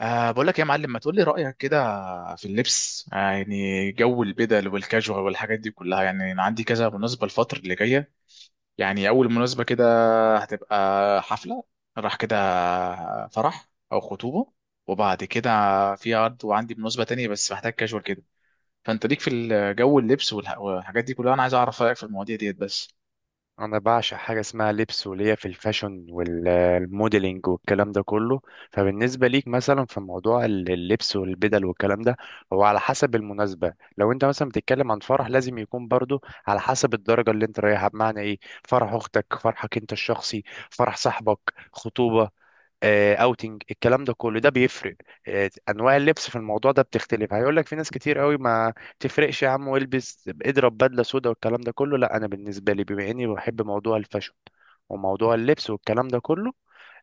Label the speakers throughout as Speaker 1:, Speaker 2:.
Speaker 1: بقول لك يا معلم، ما تقول لي رأيك كده في اللبس؟ يعني جو البدل والكاجوال والحاجات دي كلها. يعني انا عندي كذا مناسبة الفترة اللي جاية. يعني اول مناسبة كده هتبقى حفلة، راح كده فرح او خطوبة، وبعد كده في عرض، وعندي مناسبة تانية بس محتاج كاجوال كده. فانت ليك في الجو اللبس والحاجات دي كلها، انا عايز اعرف رأيك في المواضيع ديت بس.
Speaker 2: انا بعشق حاجه اسمها لبس، وليا في الفاشن والموديلينج والكلام ده كله. فبالنسبه ليك مثلا في موضوع اللبس والبدل والكلام ده، هو على حسب المناسبه. لو انت مثلا بتتكلم عن فرح، لازم يكون برضو على حسب الدرجه اللي انت رايحها. بمعنى ايه؟ فرح اختك، فرحك انت الشخصي، فرح صاحبك، خطوبه، اوتنج، الكلام ده كله ده بيفرق. انواع اللبس في الموضوع ده بتختلف. هيقول لك في ناس كتير قوي: ما تفرقش يا عم، والبس اضرب بدله سودا والكلام ده كله. لا، انا بالنسبه لي، بما اني بحب موضوع الفاشن وموضوع اللبس والكلام ده كله،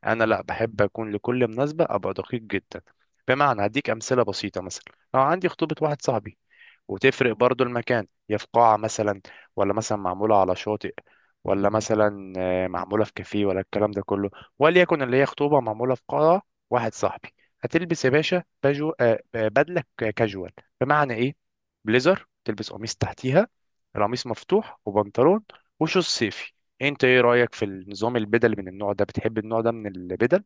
Speaker 2: انا لا بحب اكون لكل مناسبه ابقى دقيق جدا. بمعنى هديك امثله بسيطه. مثلا لو عندي خطوبه واحد صاحبي، وتفرق برضو المكان، هي في قاعة مثلا، ولا مثلا معمولة على شاطئ، ولا مثلا معمولة في كافيه، ولا الكلام ده كله. وليكن اللي هي خطوبة معمولة في قاعة واحد صاحبي. هتلبس يا باشا بجو، بدلة كاجوال. بمعنى ايه؟ بليزر تلبس قميص تحتيها، القميص مفتوح، وبنطلون، وشوز صيفي. انت ايه رأيك في النظام البدل من النوع ده؟ بتحب النوع ده من البدل؟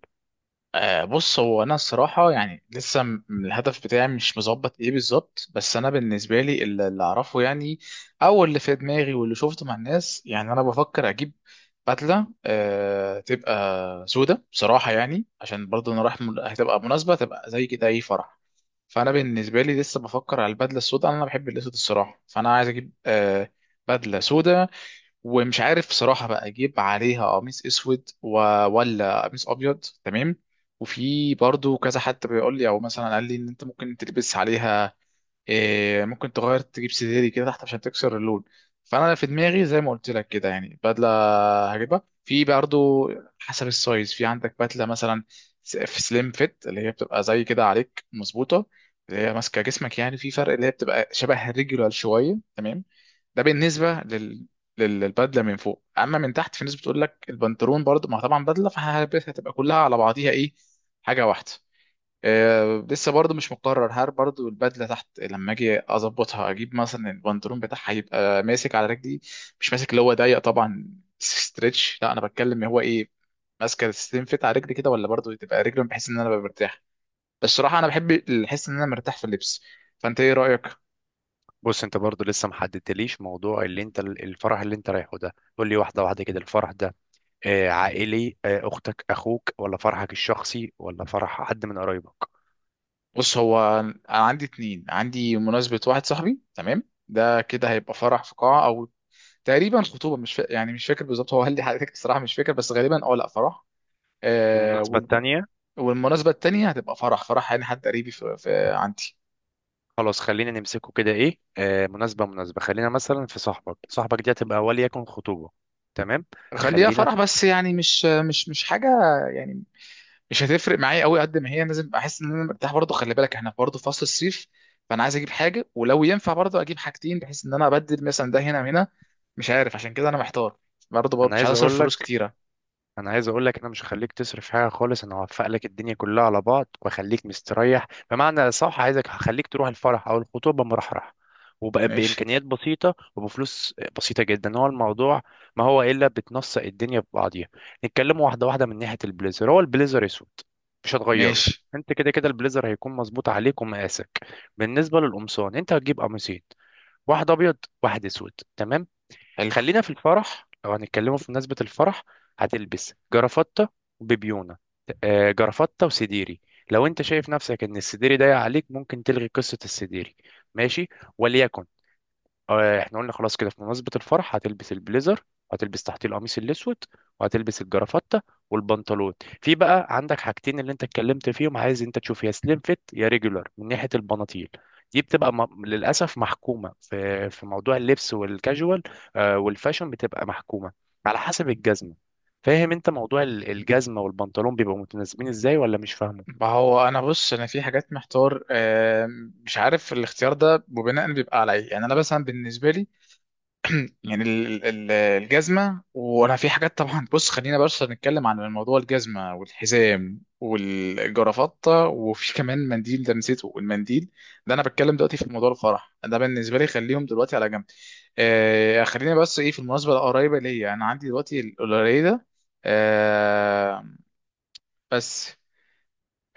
Speaker 1: بص، هو انا الصراحه يعني لسه الهدف بتاعي مش مظبط ايه بالظبط. بس انا بالنسبه لي اللي اعرفه، يعني او اللي في دماغي واللي شفته مع الناس، يعني انا بفكر اجيب بدله تبقى سودة بصراحه، يعني عشان برضه انا رايح هتبقى مناسبه تبقى زي كده اي فرح. فانا بالنسبه لي لسه بفكر على البدله السوداء، انا بحب الاسود الصراحه. فانا عايز اجيب بدله سودة، ومش عارف صراحة بقى اجيب عليها قميص اسود ولا قميص ابيض، تمام. وفي برضو كذا حد بيقول لي او مثلا قال لي ان انت ممكن تلبس عليها ممكن تغير تجيب سديري كده تحت عشان تكسر اللون. فانا في دماغي زي ما قلت لك كده، يعني بدله هجيبها في برضه حسب السايز. في عندك بدله مثلا في سليم فيت، اللي هي بتبقى زي كده عليك مظبوطه، اللي هي ماسكه جسمك، يعني في فرق اللي هي بتبقى شبه الريجولار شويه، تمام. ده بالنسبه للبدله من فوق. اما من تحت، في ناس بتقول لك البنطلون برضه، ما هو طبعا بدله فهتبقى كلها على بعضيها ايه، حاجه واحده. لسه برضه مش مقرر هل برضه البدله تحت لما اجي اظبطها اجيب مثلا البنطلون بتاعها هيبقى ماسك على رجلي، مش ماسك اللي هو ضيق طبعا ستريتش، لا انا بتكلم هو ايه، ماسكه تنفت على رجلي كده، ولا برضه تبقى رجلي بحيث ان انا ببقى مرتاح. بس الصراحه انا بحب الحس ان انا مرتاح في اللبس. فانت ايه رايك؟
Speaker 2: بص، انت برضو لسه محددتليش موضوع اللي انت الفرح اللي انت رايحه ده. قول لي واحدة واحدة كده. الفرح ده عائلي؟ أختك؟ أخوك؟ ولا فرحك الشخصي؟ ولا فرح حد من قرايبك؟
Speaker 1: بص هو انا عندي اتنين، عندي مناسبه واحد صاحبي تمام. ده كده هيبقى فرح في قاعه، او تقريبا خطوبه، مش يعني مش فاكر بالظبط، هو قال لي حضرتك الصراحه مش فاكر، بس غالبا اه لا فرح. آه.
Speaker 2: والمناسبة التانية؟
Speaker 1: والمناسبة التانية هتبقى فرح، فرح يعني حد قريبي في عندي.
Speaker 2: خلاص، خلينا نمسكه كده. إيه مناسبة مناسبة، خلينا مثلا في صاحبك. صاحبك دي هتبقى وليكن خطوبة. تمام.
Speaker 1: خليها
Speaker 2: خلينا
Speaker 1: فرح،
Speaker 2: في...
Speaker 1: بس يعني مش حاجة يعني، مش هتفرق معايا قوي قد ما هي، لازم احس ان انا مرتاح برضه. خلي بالك احنا برضه في فصل الصيف، فانا عايز اجيب حاجة، ولو ينفع برضه اجيب حاجتين بحيث ان انا ابدل مثلا ده هنا وهنا. مش عارف، عشان كده انا محتار. برضه
Speaker 2: أنا
Speaker 1: مش عايز
Speaker 2: عايز
Speaker 1: اصرف
Speaker 2: أقول
Speaker 1: فلوس
Speaker 2: لك
Speaker 1: كتيرة.
Speaker 2: انا عايز اقول لك: انا مش هخليك تصرف حاجه خالص. انا هوفق لك الدنيا كلها على بعض واخليك مستريح. بمعنى صح، عايزك هخليك تروح الفرح او الخطوبه مرحرح، وبقى
Speaker 1: ماشي.
Speaker 2: بامكانيات بسيطه وبفلوس بسيطه جدا هو الموضوع. ما هو الا بتنسق الدنيا ببعضيها. نتكلم واحده واحده. من ناحيه البليزر، هو البليزر اسود، مش هتغيره.
Speaker 1: ماشي.
Speaker 2: انت كده كده البليزر هيكون مظبوط عليك ومقاسك. بالنسبه للقمصان، انت هتجيب قميصين: واحد ابيض، واحد اسود. تمام.
Speaker 1: حلو.
Speaker 2: خلينا في الفرح. لو هنتكلموا في مناسبة الفرح، هتلبس جرافطة وبيبيونة، جرافطة وسديري. لو انت شايف نفسك ان السديري ضايق عليك، ممكن تلغي قصة السديري. ماشي. وليكن احنا قلنا خلاص كده في مناسبة الفرح، هتلبس البليزر، وهتلبس تحتيه القميص الأسود، وهتلبس الجرافتة، والبنطلون. في بقى عندك حاجتين اللي انت اتكلمت فيهم. عايز انت تشوف يا سليم فيت يا ريجولار من ناحية البناطيل. دي بتبقى للأسف محكومة، في موضوع اللبس والكاجوال والفاشن، بتبقى محكومة على حسب الجزمة. فاهم انت موضوع الجزمة والبنطلون بيبقوا متناسبين ازاي، ولا مش فاهمه؟
Speaker 1: ما هو انا بص، انا في حاجات محتار، مش عارف الاختيار ده وبناء بيبقى على ايه، يعني انا مثلا بالنسبة لي، يعني الجزمة. وأنا في حاجات طبعا، بص خلينا بس نتكلم عن الموضوع، الجزمة والحزام والجرافطة، وفي كمان منديل ده نسيته المنديل ده. أنا بتكلم دلوقتي في موضوع الفرح، ده بالنسبة لي خليهم دلوقتي على جنب. خلينا بس إيه في المناسبة القريبة ليا، أنا عندي دلوقتي القليلة، آه بس.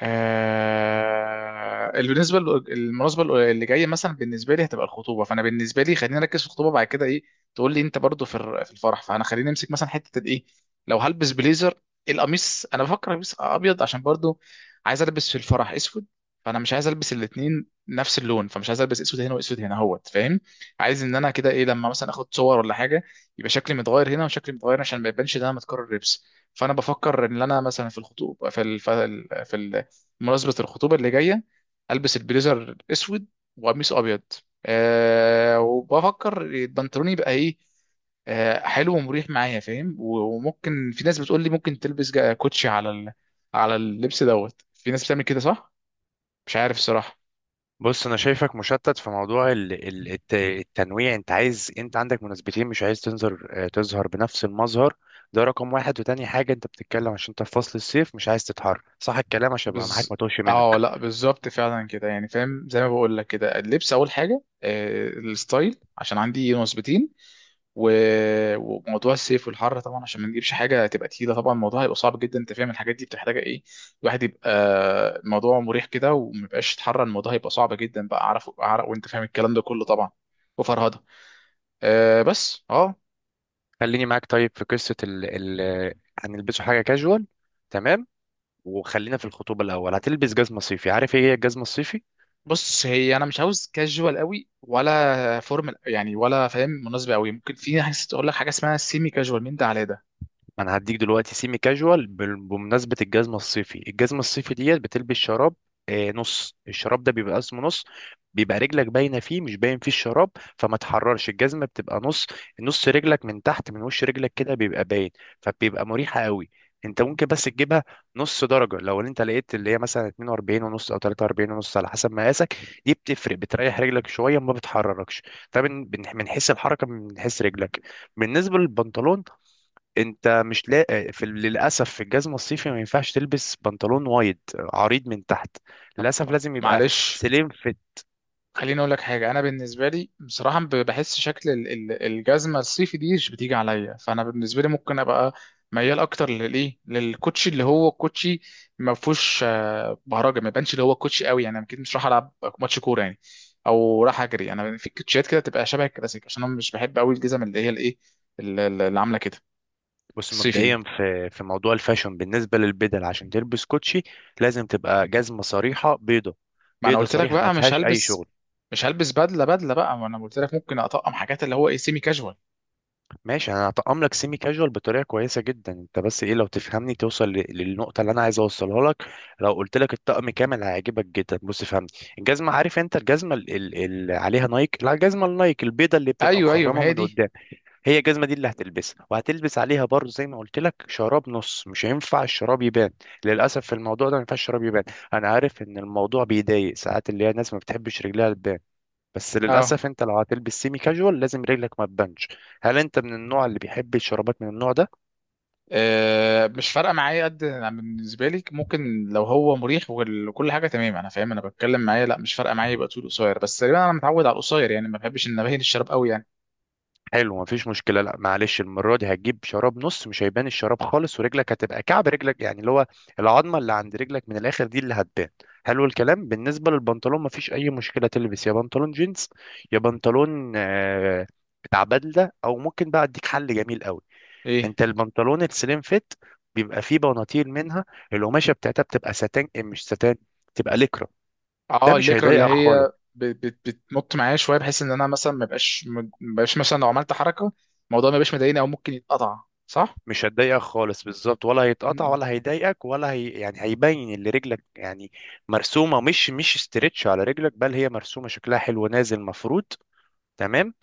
Speaker 1: بالنسبه المناسبه اللي جايه مثلا، بالنسبه لي هتبقى الخطوبه. فانا بالنسبه لي خلينا نركز في الخطوبه. بعد كده ايه تقول لي انت برضو في الفرح. فانا خلينا نمسك مثلا حته الايه، لو هلبس بليزر، القميص انا بفكر البس ابيض، عشان برضو عايز البس في الفرح اسود. فانا مش عايز البس الاثنين نفس اللون، فمش عايز البس اسود هنا واسود هنا اهوت فاهم. عايز ان انا كده ايه لما مثلا اخد صور ولا حاجه، يبقى شكلي متغير هنا وشكلي متغير هنا عشان ما يبانش ان انا متكرر لبس. فانا بفكر ان انا مثلا في الخطوبه بمناسبة الخطوبة اللي جاية، ألبس البليزر أسود وقميص أبيض. وبفكر البنطلون يبقى إيه، حلو ومريح معايا فاهم. وممكن في ناس بتقول لي ممكن تلبس كوتشي على اللبس دوت، في ناس بتعمل كده صح؟ مش عارف الصراحة.
Speaker 2: بص، انا شايفك مشتت في موضوع التنويع. انت عندك مناسبتين، مش عايز تنظر آه، تظهر بنفس المظهر. ده رقم واحد. وتاني حاجة انت بتتكلم، عشان انت في فصل الصيف، مش عايز تتحر. صح الكلام، عشان ابقى معاك
Speaker 1: بز،
Speaker 2: ما توهش
Speaker 1: اه
Speaker 2: منك.
Speaker 1: لا بالظبط فعلا كده يعني فاهم زي ما بقول لك كده. اللبس أول حاجة، الستايل عشان عندي نسبتين، وموضوع السيف والحر طبعا عشان ما نجيبش حاجه تبقى تقيله، طبعا الموضوع هيبقى صعب جدا انت فاهم. الحاجات دي بتحتاج ايه، الواحد يبقى الموضوع مريح كده وما يبقاش يتحرى، الموضوع هيبقى صعب جدا بقى اعرف اعرف وانت فاهم الكلام ده كله طبعا وفرهده. بس
Speaker 2: خليني معاك طيب في قصة ال ال آه، هنلبسه حاجة كاجوال. تمام. وخلينا في الخطوبة الأول. هتلبس جزمة صيفي. عارف ايه هي الجزمة الصيفي؟
Speaker 1: بص، هي انا مش عاوز كاجوال قوي ولا فورمال يعني، ولا فاهم مناسبه قوي، ممكن في ناس تقول لك حاجه اسمها سيمي كاجوال من ده على ده.
Speaker 2: انا هديك دلوقتي سيمي كاجوال. بمناسبه الجزمه الصيفي ديت بتلبس شراب نص. الشراب ده بيبقى اسمه نص، بيبقى رجلك باينه فيه، مش باين فيه الشراب، فما تحررش. الجزمه بتبقى نص. نص رجلك من تحت من وش رجلك كده بيبقى باين، فبيبقى مريحه قوي. انت ممكن بس تجيبها نص درجه، لو انت لقيت اللي هي مثلا 42 ونص او 43 ونص على حسب مقاسك. دي بتفرق، بتريح رجلك شويه ما بتحركش. ده من حيث الحركه، من حيث رجلك. بالنسبه للبنطلون، انت مش لاقي في، للاسف، في الجزمه الصيفي ما ينفعش تلبس بنطلون وايد عريض من تحت. للاسف
Speaker 1: طب
Speaker 2: لازم يبقى
Speaker 1: معلش،
Speaker 2: سليم فيت.
Speaker 1: خليني اقول لك حاجه، انا بالنسبه لي بصراحه بحس شكل الجزمه الصيفي دي مش بتيجي عليا. فانا بالنسبه لي ممكن ابقى ميال اكتر للايه للكوتشي اللي هو كوتشي ما فيهوش بهرجه، ما يبانش اللي هو كوتشي قوي يعني، انا اكيد مش راح العب ماتش كوره يعني، او راح اجري. انا في كوتشيات كده تبقى شبه الكلاسيك عشان انا مش بحب قوي الجزم اللي هي الايه اللي عامله كده
Speaker 2: بص،
Speaker 1: الصيفي دي.
Speaker 2: مبدئيا في موضوع الفاشن بالنسبه للبدل، عشان تلبس كوتشي لازم تبقى جزمه صريحه بيضه.
Speaker 1: ما انا
Speaker 2: بيضه
Speaker 1: قلت لك
Speaker 2: صريحه، ما
Speaker 1: بقى مش
Speaker 2: فيهاش اي
Speaker 1: هلبس.
Speaker 2: شغل.
Speaker 1: مش هلبس بدله بقى، ما انا قلت لك ممكن اطقم حاجات اللي هو ايه سيمي كاجوال.
Speaker 2: ماشي، انا هطقم لك سيمي كاجوال بطريقه كويسه جدا. انت بس ايه، لو تفهمني، توصل للنقطه اللي انا عايز اوصلها لك. لو قلت لك الطقم كامل هيعجبك جدا. بص فهمني. الجزمه، عارف انت الجزمه اللي عليها نايك؟ لا، الجزمه النايك البيضه اللي بتبقى
Speaker 1: ايوه، ايوه، ما
Speaker 2: مخرمه
Speaker 1: هي
Speaker 2: من
Speaker 1: دي.
Speaker 2: قدام. هي الجزمه دي اللي هتلبسها. وهتلبس عليها برضه زي ما قلت لك شراب نص. مش هينفع الشراب يبان. للاسف في الموضوع ده ما ينفعش الشراب يبان. انا عارف ان الموضوع بيضايق ساعات، اللي هي الناس ما بتحبش رجلها تبان. بس
Speaker 1: اه
Speaker 2: للأسف، أنت لو هتلبس سيمي كاجوال، لازم رجلك ما تبانش. هل أنت من النوع اللي بيحب الشرابات من النوع ده؟
Speaker 1: مش فارقه معايا قد أنا، بالنسبه لي ممكن لو هو مريح وكل حاجه تمام، انا فاهم، انا بتكلم معايا لا مش فارقه معايا، يبقى طول قصير بس تقريبا انا متعود على القصير يعني، ما بحبش ان ابهن الشراب قوي يعني.
Speaker 2: حلو، مفيش مشكلة. لا معلش، المرة دي هتجيب شراب نص. مش هيبان الشراب خالص، ورجلك هتبقى كعب رجلك، يعني اللي هو العظمة اللي عند رجلك من الآخر، دي اللي هتبان. حلو الكلام. بالنسبة للبنطلون، مفيش أي مشكلة: تلبس يا بنطلون جينز، يا بنطلون بتاع بدلة. أو ممكن بقى أديك حل جميل قوي.
Speaker 1: ايه،
Speaker 2: أنت البنطلون السليم فيت بيبقى فيه بناطيل منها القماشة بتاعتها بتبقى ساتان، مش ساتان، تبقى ليكرا. ده
Speaker 1: اه
Speaker 2: مش
Speaker 1: الليكرا اللي
Speaker 2: هيضايقك خالص.
Speaker 1: هي بتنط معايا شويه بحيث ان انا مثلا ما بقاش مثلا لو عملت حركه الموضوع ما بقاش مضايقني، او ممكن يتقطع، صح؟
Speaker 2: مش هتضايقك خالص بالظبط، ولا
Speaker 1: م-
Speaker 2: هيتقطع،
Speaker 1: م.
Speaker 2: ولا هيضايقك، ولا هي يعني هيبين اللي رجلك، يعني مرسومه، مش استرتش على رجلك، بل هي مرسومه شكلها حلو نازل مفروض. تمام.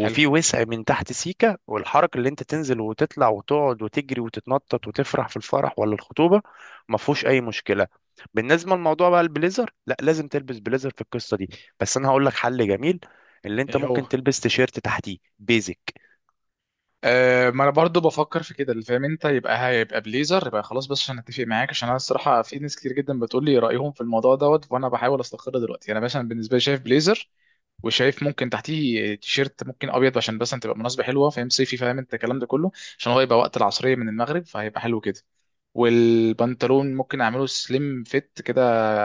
Speaker 1: حلو.
Speaker 2: وسع من تحت سيكه، والحركه اللي انت تنزل وتطلع وتقعد وتجري وتتنطط وتفرح في الفرح ولا الخطوبه، ما فيهوش اي مشكله. بالنسبه للموضوع بقى، البليزر لا لازم تلبس بليزر في القصه دي. بس انا هقول لك حل جميل، اللي انت
Speaker 1: ايه
Speaker 2: ممكن
Speaker 1: هو؟
Speaker 2: تلبس تيشيرت تحتيه بيزك.
Speaker 1: ما انا برضو بفكر في كده اللي فاهم انت، يبقى هيبقى بليزر يبقى خلاص، بس عشان اتفق معاك عشان انا الصراحه في ناس كتير جدا بتقول لي رايهم في الموضوع دوت وانا بحاول استقر دلوقتي. انا مثلا بالنسبه لي شايف بليزر، وشايف ممكن تحتيه تيشيرت ممكن ابيض عشان بس تبقى مناسبه حلوه فاهم، صيفي، فاهم انت الكلام ده كله، عشان هو يبقى وقت العصريه من المغرب فهيبقى حلو كده. والبنطلون ممكن اعمله سليم فيت كده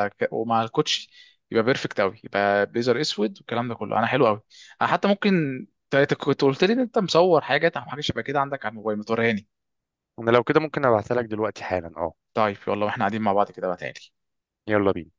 Speaker 1: ومع الكوتشي يبقى بيرفكت قوي، يبقى بيزر اسود والكلام ده كله، انا حلو قوي. انا حتى ممكن كنت قلت لي ان انت مصور حاجه او حاجه شبه كده عندك على الموبايل، ما توريهاني.
Speaker 2: انا لو كده ممكن ابعتها لك دلوقتي حالا، اه.
Speaker 1: طيب يلا، واحنا قاعدين مع بعض كده بقى تاني.
Speaker 2: يلا بينا.